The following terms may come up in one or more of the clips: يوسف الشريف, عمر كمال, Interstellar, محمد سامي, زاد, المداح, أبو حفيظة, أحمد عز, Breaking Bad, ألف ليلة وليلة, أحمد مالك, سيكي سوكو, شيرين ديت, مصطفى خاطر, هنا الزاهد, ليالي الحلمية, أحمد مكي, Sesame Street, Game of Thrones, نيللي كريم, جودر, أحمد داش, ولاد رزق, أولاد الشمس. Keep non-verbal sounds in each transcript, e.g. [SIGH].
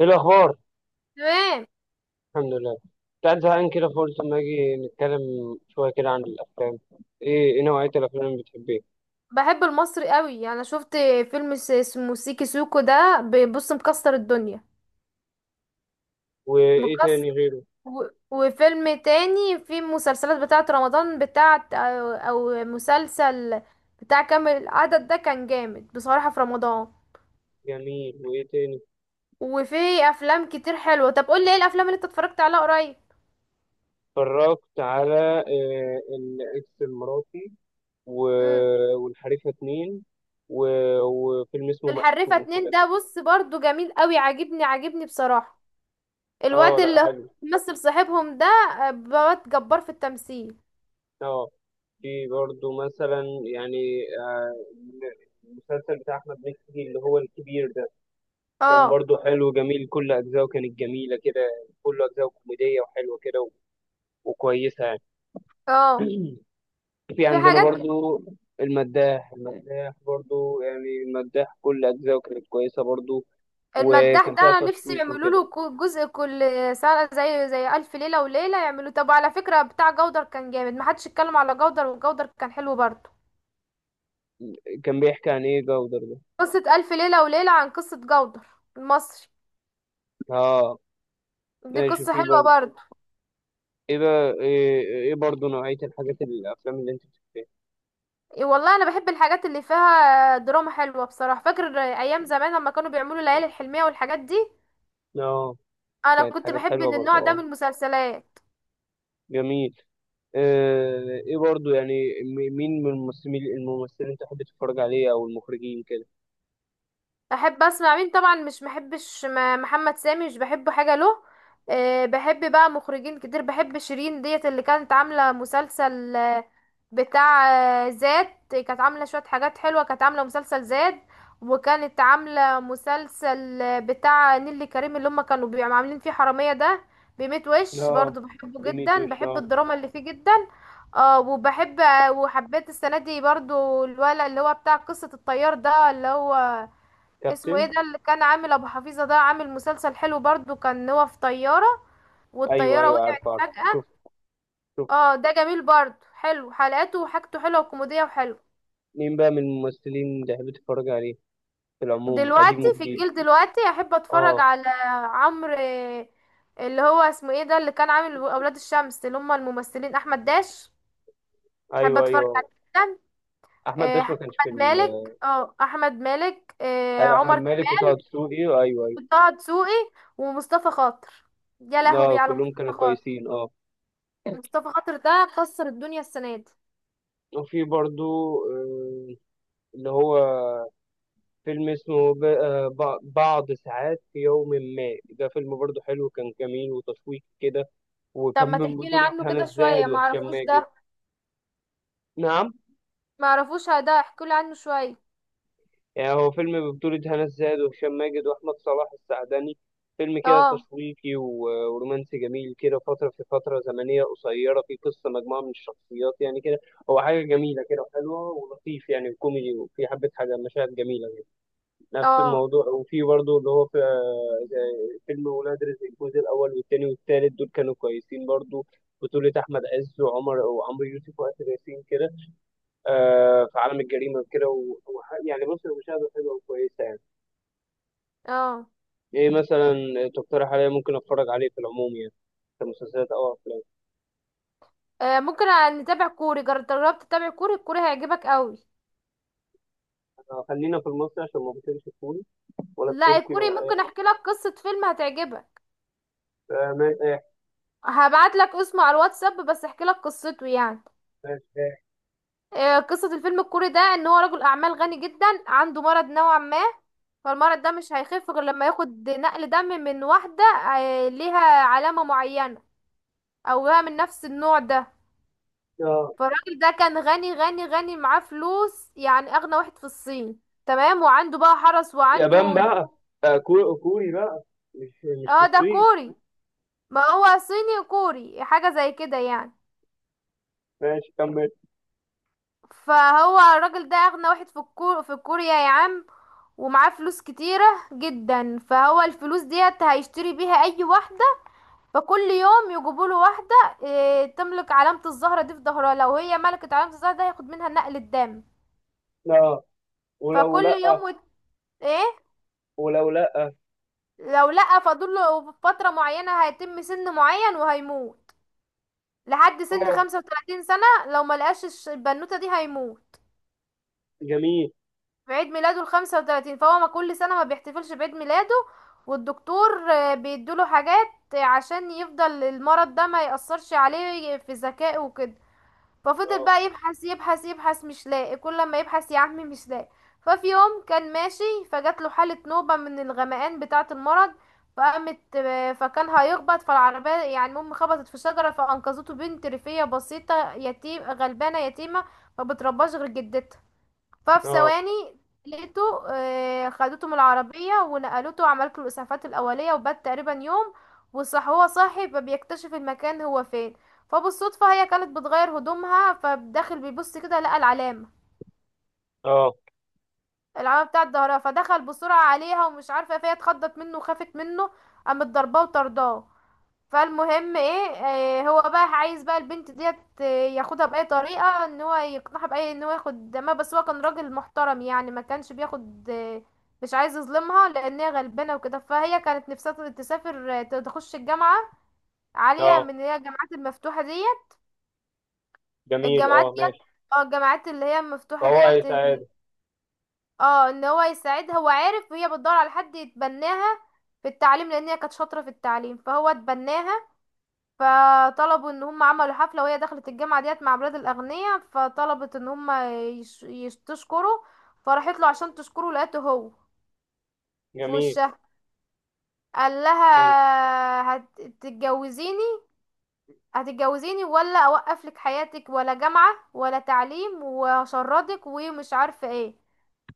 ايه الاخبار؟ تمام. الحمد لله، كنت قاعد زهقان كده فقلت اما اجي نتكلم شويه كده عن الافلام. ايه نوعيه الافلام اللي بتحبيها؟ بحب المصري قوي، يعني شفت فيلم اسمه سيكي سوكو ده، بيبص مكسر الدنيا، وايه مكسر تاني غيره؟ و... وفيلم تاني. في مسلسلات بتاعة رمضان بتاعة أو مسلسل بتاع كامل العدد ده، كان جامد بصراحة في رمضان. جميل، وايه تاني؟ وفي أفلام كتير حلوة. طب قول لي، ايه الأفلام اللي انت اتفرجت عليها قريب؟ اتفرجت على الاكس المراتي امم والحريفه 2 وفيلم اسمه الحريفة مقسوم اتنين كده ده، كده. بص برضو جميل قوي، عاجبني بصراحة. اه الواد لا اللي هو حلو. بيمثل صاحبهم ده، بواد جبار في التمثيل. اه، في برضه مثلا يعني المسلسل بتاع احمد مكي اللي هو الكبير ده، كان اه. برضو حلو جميل، كل أجزاءه كانت جميلة كده، كل أجزاءه كوميدية وحلوة كده وكويسة يعني. اه. [CLEARS THROAT] في في عندنا حاجات برضو المداح، المداح برضو يعني المداح كل أجزاءه كانت كويسة برضو، المداح وكان ده فيها انا نفسي تشويق يعملوا وكده. له جزء كل سنة، زي ألف ليلة وليلة، يعملوا. طب على فكرة، بتاع جودر كان جامد، محدش اتكلم على جودر، وجودر كان حلو برضه. كان بيحكي عن إيه جودر ده؟ قصة ألف ليلة وليلة عن قصة جودر المصري. آه دي ماشي، قصة في حلوة برضو. برضه. إيه بقى؟ إيه، إيه برضو نوعية الحاجات الأفلام اللي أنت بتحبها؟ إيه والله، أنا بحب الحاجات اللي فيها دراما حلوة بصراحة. فاكر أيام زمان لما كانوا بيعملوا ليالي الحلمية والحاجات دي، آه، أنا كانت كنت حاجات بحب حلوة إن برضو. النوع ده آه من المسلسلات. جميل. ايه برضو يعني مين من الممثلين تحب تتفرج عليه او المخرجين كده؟ احب اسمع مين؟ طبعا مش محبش محمد سامي، مش بحبه حاجه له. أه، بحب بقى مخرجين كتير. بحب شيرين ديت، اللي كانت عامله مسلسل بتاع زاد. كانت عامله شويه حاجات حلوه، كانت عامله مسلسل زاد، وكانت عامله مسلسل بتاع نيللي كريم، اللي هم كانوا بيبقوا عاملين فيه حراميه ده. بميت وش اه، برضو بحبه جدا، ديميتوش بحب اه. الدراما اللي فيه جدا. اه وبحب وحبيت السنه دي برضو الولد اللي هو بتاع قصه الطيار ده، اللي هو اسمه ايه كابتن. ده، اللي كان عامل ابو حفيظه ده. عامل مسلسل حلو برضو، كان هو في طياره ايوه والطياره ايوه، وقعت عارف عارف. فجاه. شوف، شوف. اه، ده جميل برضو. حلو حلقاته وحاجته حلوه وكوميديه وحلو. مين بقى من الممثلين تحب تتفرج عليه في العموم، قديم دلوقتي في وجديد؟ الجيل دلوقتي، احب اتفرج اه، على عمرو اللي هو اسمه ايه ده، اللي كان عامل اولاد الشمس، اللي هم الممثلين احمد داش. احب ايوه اتفرج ايوه. عليه جدا. احمد آه، داش ما كانش في احمد ال... مالك. اه، احمد مالك، ايوه احمد عمر مالك كمال، وطه دسوقي، ايوه ايوه. وطه دسوقي، ومصطفى خاطر. يا لهوي اه على كلهم كانوا مصطفى خاطر! كويسين، اه. مصطفى خاطر ده كسر الدنيا السنة دي. وفي برضو آه، اللي هو فيلم اسمه بعض ساعات في يوم ما، ده فيلم برضه حلو، كان جميل وتشويق كده، طب وكان ما من تحكي لي بطولة عنه هنا كده شوية، الزاهد وهشام معرفوش ماجد. ده. نعم. معرفوش ده، احكي لي عنه شوية. يعني هو فيلم ببطولة هنا الزاهد وهشام ماجد وأحمد صلاح السعدني، فيلم كده اه. تشويقي ورومانسي جميل كده، في فترة زمنية قصيرة، في قصة مجموعة من الشخصيات يعني كده. هو حاجة جميلة كده وحلوة ولطيف يعني وكوميدي، وفي حبة حاجة مشاهد جميلة. نفس اه. الموضوع. وفي برضه اللي هو في زي فيلم ولاد رزق، الجزء الأول والتاني والتالت دول كانوا كويسين برضه. بطولة أحمد عز وعمرو يوسف وآسر ياسين كده، آه في عالم الجريمة كده يعني بص، المشاهدة حلوة وكويسة يعني. اه. إيه مثلا تقترح عليا ممكن أتفرج عليه في العموم يعني، كمسلسلات أو أفلام؟ ممكن نتابع كوري. جربت تتابع كوري؟ الكوري هيعجبك قوي. خلينا في المصري عشان ما بطلش كوري، ولا لا، التركي الكوري ولا ممكن إيه؟ احكي لك قصة فيلم هتعجبك. آه ماشي، إيه؟ هبعت لك اسمه على الواتساب، بس احكي لك قصته يعني. ماشي إيه؟ قصة الفيلم الكوري ده، ان هو رجل اعمال غني جدا، عنده مرض نوعا ما. فالمرض ده مش هيخف غير لما ياخد نقل دم من واحدة ليها علامة معينة، او بقى من نفس النوع ده. آه، فالراجل ده كان غني معاه فلوس، يعني اغنى واحد في الصين. تمام. وعنده بقى حرس يابان وعنده. بقى؟ آه كوري بقى، مش في اه، ده الصين؟ كوري. ما هو صيني كوري حاجة زي كده يعني. ماشي كمل. فهو الراجل ده اغنى واحد في في كوريا يا عم. ومعاه فلوس كتيرة جدا. فهو الفلوس ديت هيشتري بيها اي واحدة. فكل يوم يجيبوا له واحدة إيه، تملك علامة الزهرة دي في ظهرها. لو هي ملكت علامة الزهرة ده، هياخد منها نقل الدم. اه. ولو فكل لأ؟ يوم وت... ايه. ولو لأ؟ لو لأ، فاضل له فترة معينة، هيتم سن معين وهيموت. لحد سن اه 35 سنة، لو ما لقاش البنوتة دي هيموت. جميل. في عيد ميلاده ال 35. فهو ما كل سنة ما بيحتفلش بعيد ميلاده، والدكتور بيدوله حاجات عشان يفضل المرض ده ما يأثرش عليه في ذكائه وكده. ففضل اه، بقى يبحث يبحث، مش لاقي. كل لما يبحث يا عمي مش لاقي. ففي يوم كان ماشي، فجات له حالة نوبة من الغمقان بتاعة المرض. فقامت آه، فكان هيخبط فالعربية يعني. المهم خبطت في شجرة، فأنقذته بنت ريفية بسيطة، يتيم غلبانة يتيمة، ما بترباش غير جدتها. ففي اه، ثواني لقيته، خدته من العربية ونقلته وعملت له الإسعافات الأولية، وبات تقريبا يوم. وصح هو صاحي، فبيكتشف المكان هو فين. فبالصدفة هي كانت بتغير هدومها، فداخل بيبص كده لقى العلامة، اه، العلامة بتاعة ظهرها. فدخل بسرعة عليها ومش عارفة فهي اتخضت منه وخافت منه، قامت ضرباه وطرداه. فالمهم ايه، هو بقى عايز بقى البنت ديت آه، ياخدها بأي طريقة، ان هو يقنعها بأي ان هو ياخد. ما بس هو كان راجل محترم يعني، ما كانش بياخد مش عايز يظلمها، لان هي غلبانة وكده. فهي كانت نفسها تسافر تخش الجامعة عالية، من اه اللي هي الجامعات المفتوحة ديت، جميل، الجامعات اه ماشي. ديت. اه، الجامعات اللي هي المفتوحة فهو ايه ديت سعادة؟ اه، ان هو يساعدها. هو عارف وهي بتدور على حد يتبناها في التعليم، لان هي كانت شاطرة في التعليم. فهو اتبناها. فطلبوا ان هم عملوا حفلة، وهي دخلت الجامعة ديت مع بلاد الاغنياء. فطلبت ان هم تشكره. فراحت له عشان تشكره، لقيته هو في جميل. وشها. قال حلو. لها هتتجوزيني. هتتجوزيني، ولا اوقف لك حياتك ولا جامعة ولا تعليم، وهشردك ومش عارفة ايه.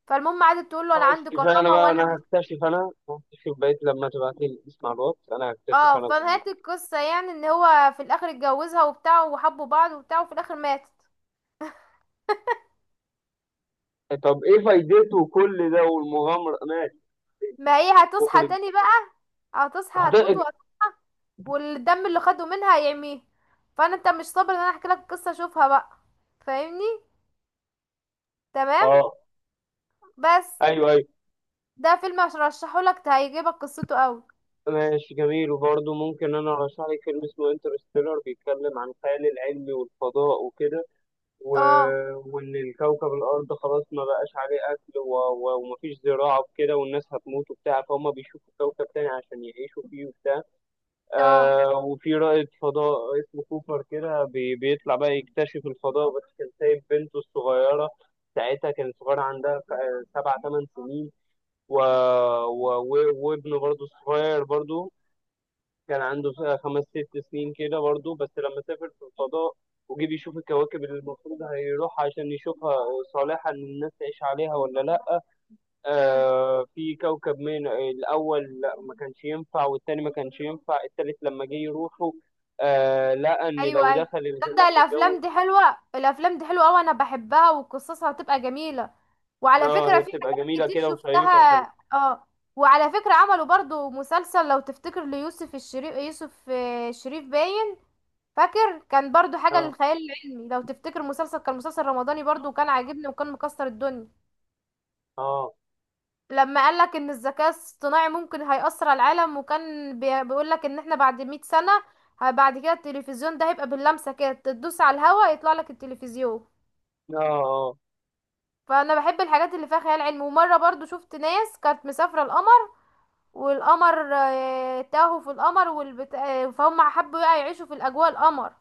فالمهم قعدت تقول له انا خلاص عندي كفاية، انا كرامة بقى وانا مش. انا هكتشف بقيت لما تبعت لي اسم على الواتس، انا هكتشف اه، انا كل فنهاية القصة يعني، ان هو في الاخر اتجوزها وبتاع، وحبوا بعض وبتاع، وفي الاخر ماتت. ده. طب ايه فايدته كل ده والمغامرة؟ ماشي. ما هي هتصحى اخرج. تاني بقى. هتصحى. هتموت هتقج. وهتصحى، والدم اللي خده منها هيعميه. فانا انت مش صابر ان انا احكي لك قصه اشوفها بقى؟ فاهمني؟ تمام. اه، بس ايوه ايوه. ده فيلم عشان ارشحه لك، هيعجبك قصته قوي. ماشي جميل، وبرضه ممكن انا ارشح لك فيلم اسمه انترستيلر، بيتكلم عن الخيال العلمي والفضاء وكده، اه. وان الكوكب الارض خلاص ما بقاش عليه اكل ومفيش زراعه وكده، والناس هتموت وبتاع، فهم بيشوفوا كوكب تاني عشان يعيشوا فيه وبتاع. اه. آه، وفي رائد فضاء اسمه كوبر كده بيطلع بقى يكتشف الفضاء، بس كان سايب بنته الصغيره ساعتها، كانت صغيره عندها سبع ثمان سنين و... وابنه برضه الصغير برضه كان عنده خمس ست سنين كده برضه. بس لما سافر في الفضاء وجي بيشوف الكواكب اللي المفروض هيروح عشان يشوفها، صالحة إن الناس تعيش عليها ولا لأ، امم. آه في كوكب من الأول لأ ما كانش ينفع، والتاني ما كانش ينفع، التالت لما جه يروحوا آه لقى إن لو ايوه، ايوه. دخل الغلاف تبدأ الجوي. الافلام دي حلوه، الافلام دي حلوه قوي، انا بحبها وقصصها هتبقى جميله. وعلى آه، فكره هي في بتبقى حاجات جميلة كتير كده شفتها. وشيقة وحلوة. اه. وعلى فكره عملوا برضو مسلسل، لو تفتكر، ليوسف الشريف. يوسف الشريف باين. فاكر كان برضو حاجة آه، للخيال العلمي لو تفتكر، مسلسل، كان مسلسل رمضاني برضو، وكان عاجبني وكان مكسر الدنيا. آه، لما قالك ان الذكاء الاصطناعي ممكن هيأثر على العالم، وكان بيقولك ان احنا بعد مئة سنة، بعد كده التلفزيون ده هيبقى باللمسة كده، تدوس على الهوا يطلع لك التلفزيون. آه، فانا بحب الحاجات اللي فيها خيال علمي. ومرة برضو شفت ناس كانت مسافرة القمر، والقمر تاهوا في القمر والبت... آه، فهم حبوا بقى يعيشوا في الاجواء القمر.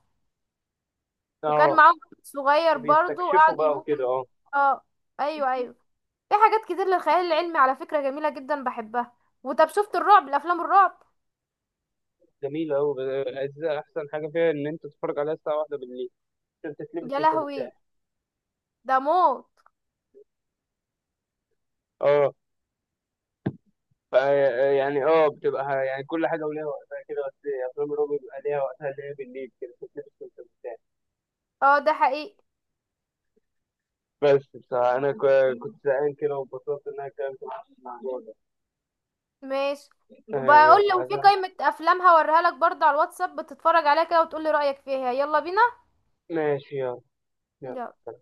آه. وكان معاهم واحد صغير برضو، بيستكشفوا قعدوا بقى يموتوا وكده، آه. اه. ايوه، ايوه. في حاجات كتير للخيال العلمي على فكرة جميلة جدا، بحبها. وطب شفت الرعب، الافلام الرعب؟ جميلة أوي الأجزاء، أحسن حاجة فيها إن أنت تتفرج عليها الساعة واحدة بالليل عشان تتلبس يا وأنت مرتاح. لهوي، ده موت. أه. فا يعني أه، بتبقى يعني كل حاجة وليها وقتها كده، بس أفلام الرعب بيبقى ليها وقتها اللي هي بالليل كده تتلبس وأنت مرتاح. اه، ده حقيقي. بس بصراحة أنا كنت زهقان كده وانبسطت إن أنا اتكلمت معاك في الموضوع ده. ماشي. تمام وبقول يلا لو في عايز- قائمة افلام هوريها لك برضه على الواتساب، بتتفرج عليها كده وتقول لي رأيك فيها. يلا بينا. ماشي يلا. يلا. يلا.